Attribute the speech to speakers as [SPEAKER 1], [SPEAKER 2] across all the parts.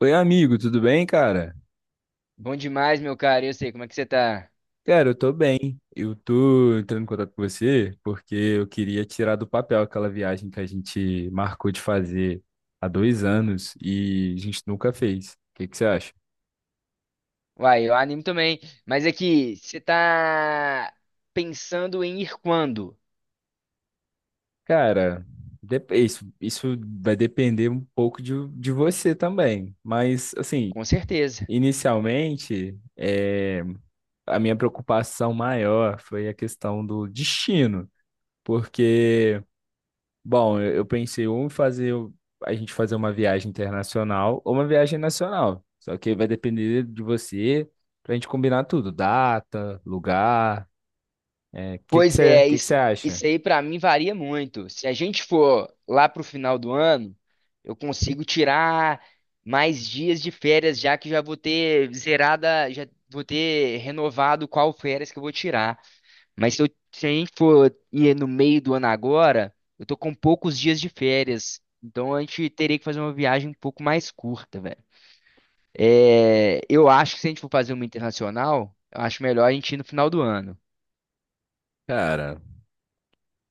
[SPEAKER 1] Oi, amigo, tudo bem, cara?
[SPEAKER 2] Bom demais, meu cara. Eu sei, como é que você tá?
[SPEAKER 1] Cara, eu tô bem. Eu tô entrando em contato com você porque eu queria tirar do papel aquela viagem que a gente marcou de fazer há dois anos e a gente nunca fez. O que que você acha?
[SPEAKER 2] Uai, eu animo também. Mas é que você tá pensando em ir quando?
[SPEAKER 1] Cara, isso vai depender um pouco de você também. Mas, assim,
[SPEAKER 2] Com certeza.
[SPEAKER 1] inicialmente, a minha preocupação maior foi a questão do destino. Porque bom, eu pensei ou em a gente fazer uma viagem internacional ou uma viagem nacional. Só que vai depender de você pra gente combinar tudo, data, lugar. O que que
[SPEAKER 2] Pois é,
[SPEAKER 1] você
[SPEAKER 2] isso,
[SPEAKER 1] acha?
[SPEAKER 2] isso aí pra mim varia muito. Se a gente for lá pro final do ano, eu consigo tirar mais dias de férias, já que já vou ter zerada, já vou ter renovado qual férias que eu vou tirar. Mas se a gente for ir no meio do ano agora, eu tô com poucos dias de férias. Então a gente teria que fazer uma viagem um pouco mais curta, velho. É, eu acho que se a gente for fazer uma internacional, eu acho melhor a gente ir no final do ano.
[SPEAKER 1] Cara,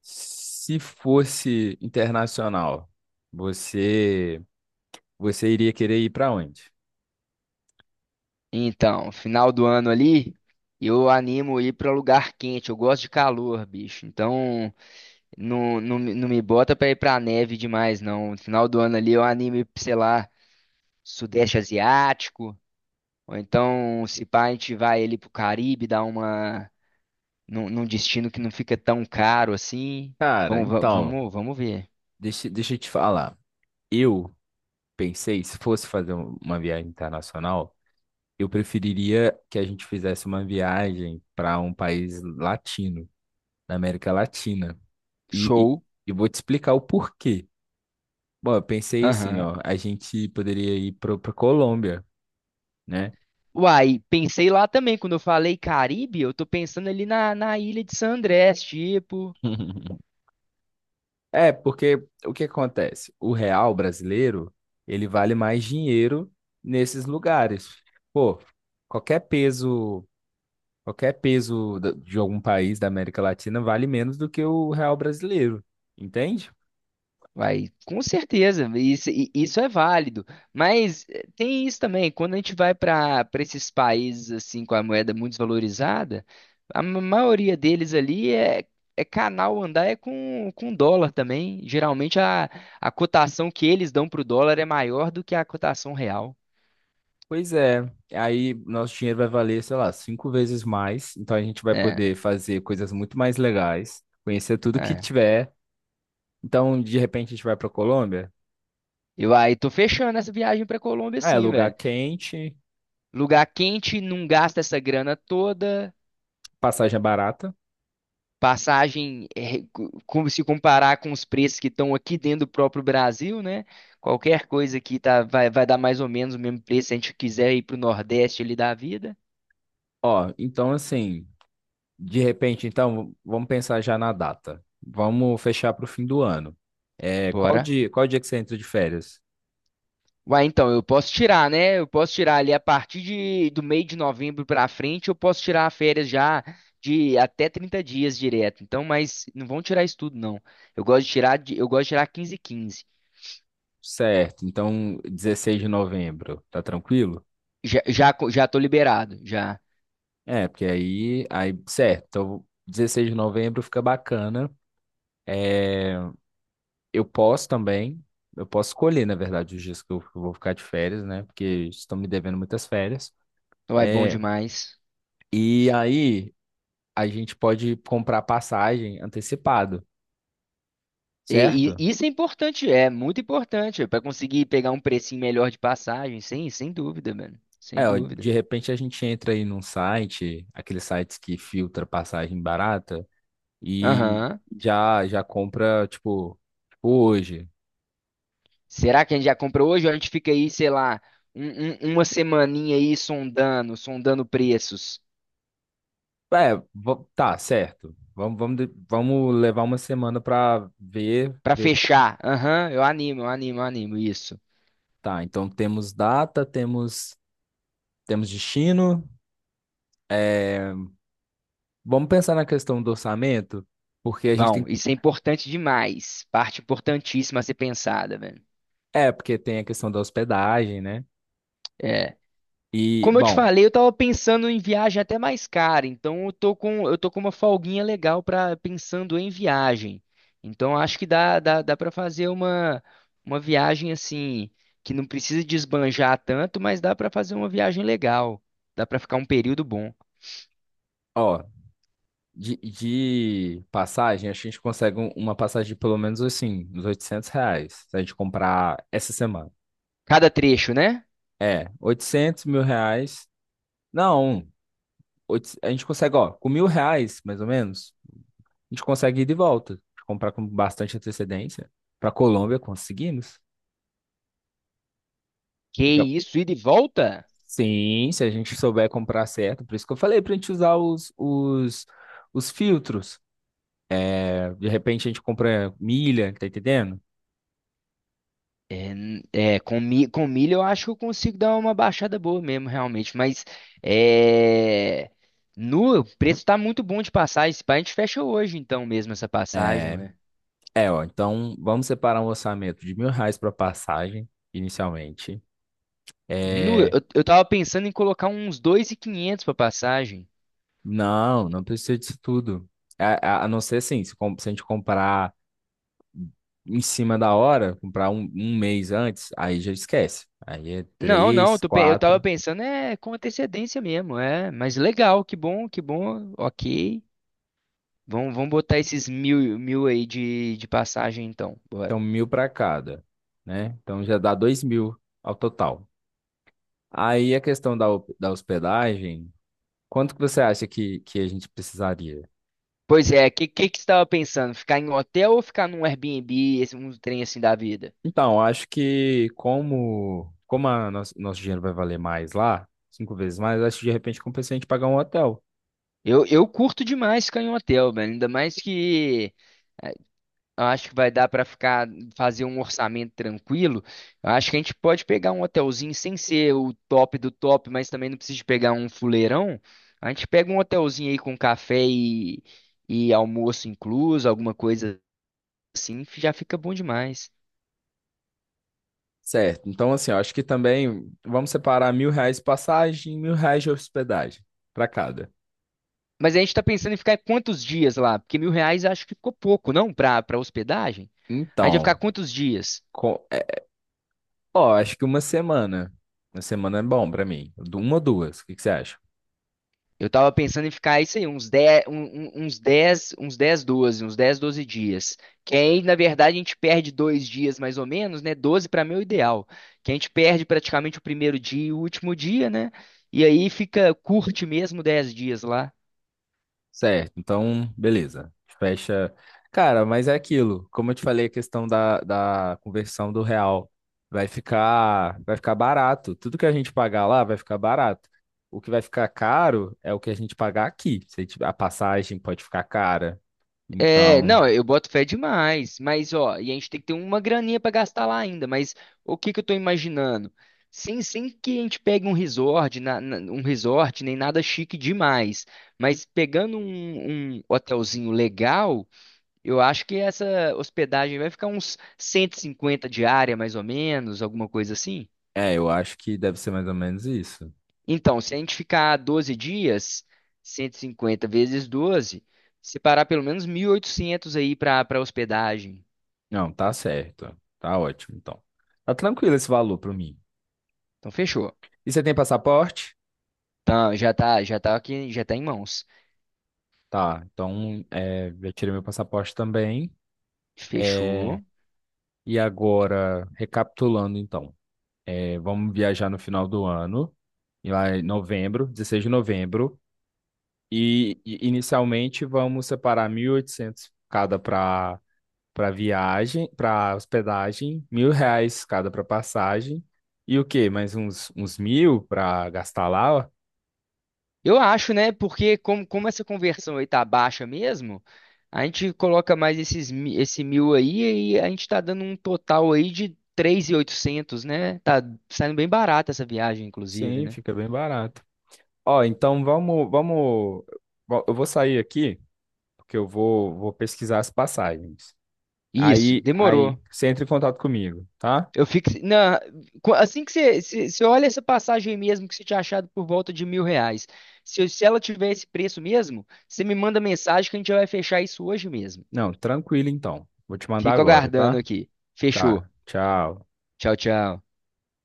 [SPEAKER 1] se fosse internacional, você você iria querer ir pra onde?
[SPEAKER 2] Então, final do ano ali, eu animo ir pra lugar quente. Eu gosto de calor, bicho. Então, não, não, me não me bota pra ir pra neve demais, não. No final do ano ali, eu animo ir, pra, sei lá, Sudeste Asiático. Ou então, se pá, a gente vai ali pro Caribe, dar uma num destino que não fica tão caro assim.
[SPEAKER 1] Cara,
[SPEAKER 2] Vamos, va-
[SPEAKER 1] então,
[SPEAKER 2] vamos, vamos ver.
[SPEAKER 1] deixa eu te falar. Eu pensei, se fosse fazer uma viagem internacional, eu preferiria que a gente fizesse uma viagem para um país latino, da América Latina. E
[SPEAKER 2] Show.
[SPEAKER 1] eu vou te explicar o porquê. Bom, eu pensei assim,
[SPEAKER 2] Aham.
[SPEAKER 1] ó, a gente poderia ir para a Colômbia, né?
[SPEAKER 2] Uai, pensei lá também, quando eu falei Caribe, eu tô pensando ali na ilha de San Andrés, tipo.
[SPEAKER 1] É, porque o que acontece? O real brasileiro, ele vale mais dinheiro nesses lugares. Pô, qualquer peso, qualquer peso de algum país da América Latina vale menos do que o real brasileiro, entende?
[SPEAKER 2] Vai, com certeza, isso é válido. Mas tem isso também, quando a gente vai para esses países assim com a moeda muito desvalorizada, a maioria deles ali é canal andar é com dólar também. Geralmente a cotação que eles dão para o dólar é maior do que a cotação real.
[SPEAKER 1] Pois é, aí nosso dinheiro vai valer, sei lá, cinco vezes mais. Então a gente vai
[SPEAKER 2] É,
[SPEAKER 1] poder fazer coisas muito mais legais, conhecer tudo que
[SPEAKER 2] é.
[SPEAKER 1] tiver. Então, de repente, a gente vai para Colômbia.
[SPEAKER 2] Eu aí tô fechando essa viagem para Colômbia
[SPEAKER 1] Ah, é,
[SPEAKER 2] assim,
[SPEAKER 1] lugar
[SPEAKER 2] velho.
[SPEAKER 1] quente,
[SPEAKER 2] Lugar quente, não gasta essa grana toda.
[SPEAKER 1] passagem é barata.
[SPEAKER 2] Passagem, é, como se comparar com os preços que estão aqui dentro do próprio Brasil, né? Qualquer coisa aqui tá, vai dar mais ou menos o mesmo preço se a gente quiser ir para o Nordeste ali da vida.
[SPEAKER 1] Ó, então assim, de repente, então, vamos pensar já na data. Vamos fechar para o fim do ano. É,
[SPEAKER 2] Bora.
[SPEAKER 1] qual dia que você entra de férias?
[SPEAKER 2] Uai, então, eu posso tirar, né? Eu posso tirar ali a partir do meio de novembro pra frente, eu posso tirar férias já de até 30 dias direto. Então, mas não vão tirar isso tudo, não. Eu gosto de tirar, de- eu gosto de tirar 15 e 15.
[SPEAKER 1] Certo, então 16 de novembro, tá tranquilo?
[SPEAKER 2] Já tô liberado, já.
[SPEAKER 1] É, porque certo, então 16 de novembro fica bacana. É, eu posso também, eu posso escolher, na verdade, os dias que eu vou ficar de férias, né? Porque estão me devendo muitas férias.
[SPEAKER 2] Então, é bom
[SPEAKER 1] É,
[SPEAKER 2] demais.
[SPEAKER 1] e aí a gente pode comprar passagem antecipado,
[SPEAKER 2] E,
[SPEAKER 1] certo?
[SPEAKER 2] e isso é importante, é muito importante para conseguir pegar um precinho melhor de passagem, sem dúvida, mano. Sem
[SPEAKER 1] É, ó,
[SPEAKER 2] dúvida.
[SPEAKER 1] de repente a gente entra aí num site, aqueles sites que filtra passagem barata, e
[SPEAKER 2] Aham.
[SPEAKER 1] já já compra, tipo, tipo hoje.
[SPEAKER 2] Será que a gente já comprou hoje ou a gente fica aí, sei lá, uma semaninha aí sondando preços
[SPEAKER 1] É, tá, certo. Vamos levar uma semana para ver,
[SPEAKER 2] para
[SPEAKER 1] ver.
[SPEAKER 2] fechar? Aham, eu animo isso.
[SPEAKER 1] Tá, então temos data, temos destino. É, vamos pensar na questão do orçamento, porque a gente tem.
[SPEAKER 2] Vão, isso é importante demais. Parte importantíssima a ser pensada, velho.
[SPEAKER 1] É, porque tem a questão da hospedagem, né?
[SPEAKER 2] É.
[SPEAKER 1] E
[SPEAKER 2] Como eu te
[SPEAKER 1] bom,
[SPEAKER 2] falei, eu tava pensando em viagem até mais cara, então eu tô com uma folguinha legal para pensando em viagem. Então acho que dá para fazer uma viagem assim, que não precisa desbanjar tanto, mas dá para fazer uma viagem legal. Dá para ficar um período bom.
[SPEAKER 1] ó, de passagem, acho que a gente consegue uma passagem de pelo menos assim, uns 800 reais, se a gente comprar essa semana.
[SPEAKER 2] Cada trecho, né?
[SPEAKER 1] É, 800 mil reais. Não. A gente consegue, ó, com mil reais, mais ou menos, a gente consegue ir de volta, comprar com bastante antecedência. Para Colômbia, conseguimos.
[SPEAKER 2] Que
[SPEAKER 1] Fica...
[SPEAKER 2] isso, ida e volta?
[SPEAKER 1] Sim, se a gente souber comprar certo. Por isso que eu falei para a gente usar os filtros. É, de repente a gente compra milha, tá entendendo?
[SPEAKER 2] É, com milho eu acho que eu consigo dar uma baixada boa mesmo, realmente. Mas é, nu, o preço tá muito bom de passagem. Se pá, a gente fecha hoje, então, mesmo essa passagem.
[SPEAKER 1] É,
[SPEAKER 2] Ué.
[SPEAKER 1] ó, então vamos separar um orçamento de mil reais para passagem, inicialmente.
[SPEAKER 2] Nu, eu,
[SPEAKER 1] É,
[SPEAKER 2] eu tava pensando em colocar uns 2.500 pra passagem.
[SPEAKER 1] não, não precisa disso tudo. A não ser assim, se se a gente comprar em cima da hora, comprar um mês antes, aí já esquece. Aí é
[SPEAKER 2] Não, não, eu,
[SPEAKER 1] três,
[SPEAKER 2] tô pe- eu tava
[SPEAKER 1] quatro,
[SPEAKER 2] pensando é com antecedência mesmo, é. Mas legal, que bom, ok. Vamos botar esses mil, mil aí de passagem, então. Bora.
[SPEAKER 1] então mil para cada, né? Então já dá dois mil ao total. Aí a questão da hospedagem, quanto que você acha que a gente precisaria?
[SPEAKER 2] Pois é, que que você estava pensando? Ficar em um hotel ou ficar num Airbnb, esse um trem assim da vida?
[SPEAKER 1] Então, eu acho que como a nosso dinheiro vai valer mais lá, cinco vezes mais, eu acho que de repente compensa a gente pagar um hotel.
[SPEAKER 2] Eu curto demais ficar em um hotel, velho. Ainda mais que eh, eu acho que vai dar para ficar fazer um orçamento tranquilo. Eu acho que a gente pode pegar um hotelzinho sem ser o top do top, mas também não precisa de pegar um fuleirão. A gente pega um hotelzinho aí com café e almoço incluso, alguma coisa assim, já fica bom demais.
[SPEAKER 1] Certo, então assim, eu acho que também vamos separar mil reais de passagem, mil reais de hospedagem para cada.
[SPEAKER 2] Mas a gente tá pensando em ficar quantos dias lá? Porque mil reais eu acho que ficou pouco, não? Pra hospedagem? A gente vai ficar
[SPEAKER 1] Então,
[SPEAKER 2] quantos dias?
[SPEAKER 1] co- é, ó, acho que uma semana. Uma semana é bom pra mim. Uma ou duas, o que que você acha?
[SPEAKER 2] Eu tava pensando em ficar isso aí, uns dez doze dias. Que aí, na verdade, a gente perde 2 dias mais ou menos, né? 12 pra mim é o ideal. Que a gente perde praticamente o primeiro dia e o último dia, né? E aí fica, curte mesmo 10 dias lá.
[SPEAKER 1] Certo, então, beleza. Fecha. Cara, mas é aquilo. Como eu te falei, a questão da conversão do real vai ficar barato. Tudo que a gente pagar lá vai ficar barato. O que vai ficar caro é o que a gente pagar aqui. Se a passagem pode ficar cara.
[SPEAKER 2] É,
[SPEAKER 1] Então,
[SPEAKER 2] não, eu boto fé demais, mas ó, e a gente tem que ter uma graninha pra gastar lá ainda, mas o que que eu tô imaginando? Sem que a gente pegue um resort, nem nada chique demais, mas pegando um hotelzinho legal, eu acho que essa hospedagem vai ficar uns 150 diária, mais ou menos, alguma coisa assim.
[SPEAKER 1] é, eu acho que deve ser mais ou menos isso.
[SPEAKER 2] Então, se a gente ficar 12 dias, 150 vezes 12, separar pelo menos 1.800 aí pra hospedagem.
[SPEAKER 1] Não, tá certo. Tá ótimo, então. Tá tranquilo esse valor pra mim.
[SPEAKER 2] Então fechou.
[SPEAKER 1] E você tem passaporte?
[SPEAKER 2] Então já tá aqui, já tá em mãos.
[SPEAKER 1] Tá, então é, já tirei meu passaporte também. É,
[SPEAKER 2] Fechou.
[SPEAKER 1] e agora, recapitulando então, é, vamos viajar no final do ano, e lá em novembro, 16 de novembro, e inicialmente vamos separar 1.800 cada para para viagem, para hospedagem, mil reais cada para passagem, e o quê? Mais uns, uns mil para gastar lá? Ó.
[SPEAKER 2] Eu acho, né? Porque como essa conversão aí tá baixa mesmo, a gente coloca mais esse mil aí e a gente tá dando um total aí de 3.800, né? Tá saindo bem barata essa viagem, inclusive,
[SPEAKER 1] Sim,
[SPEAKER 2] né?
[SPEAKER 1] fica bem barato. Ó, então vamos, vamos. Eu vou sair aqui, porque eu vou, vou pesquisar as passagens.
[SPEAKER 2] Isso, demorou.
[SPEAKER 1] Você entra em contato comigo, tá?
[SPEAKER 2] Eu fico. Assim que você olha essa passagem aí mesmo que você tinha achado por volta de mil reais. Se ela tiver esse preço mesmo, você me manda mensagem que a gente já vai fechar isso hoje mesmo.
[SPEAKER 1] Não, tranquilo então. Vou te mandar
[SPEAKER 2] Fico
[SPEAKER 1] agora,
[SPEAKER 2] aguardando
[SPEAKER 1] tá?
[SPEAKER 2] aqui. Fechou.
[SPEAKER 1] Tá. Tchau.
[SPEAKER 2] Tchau, tchau.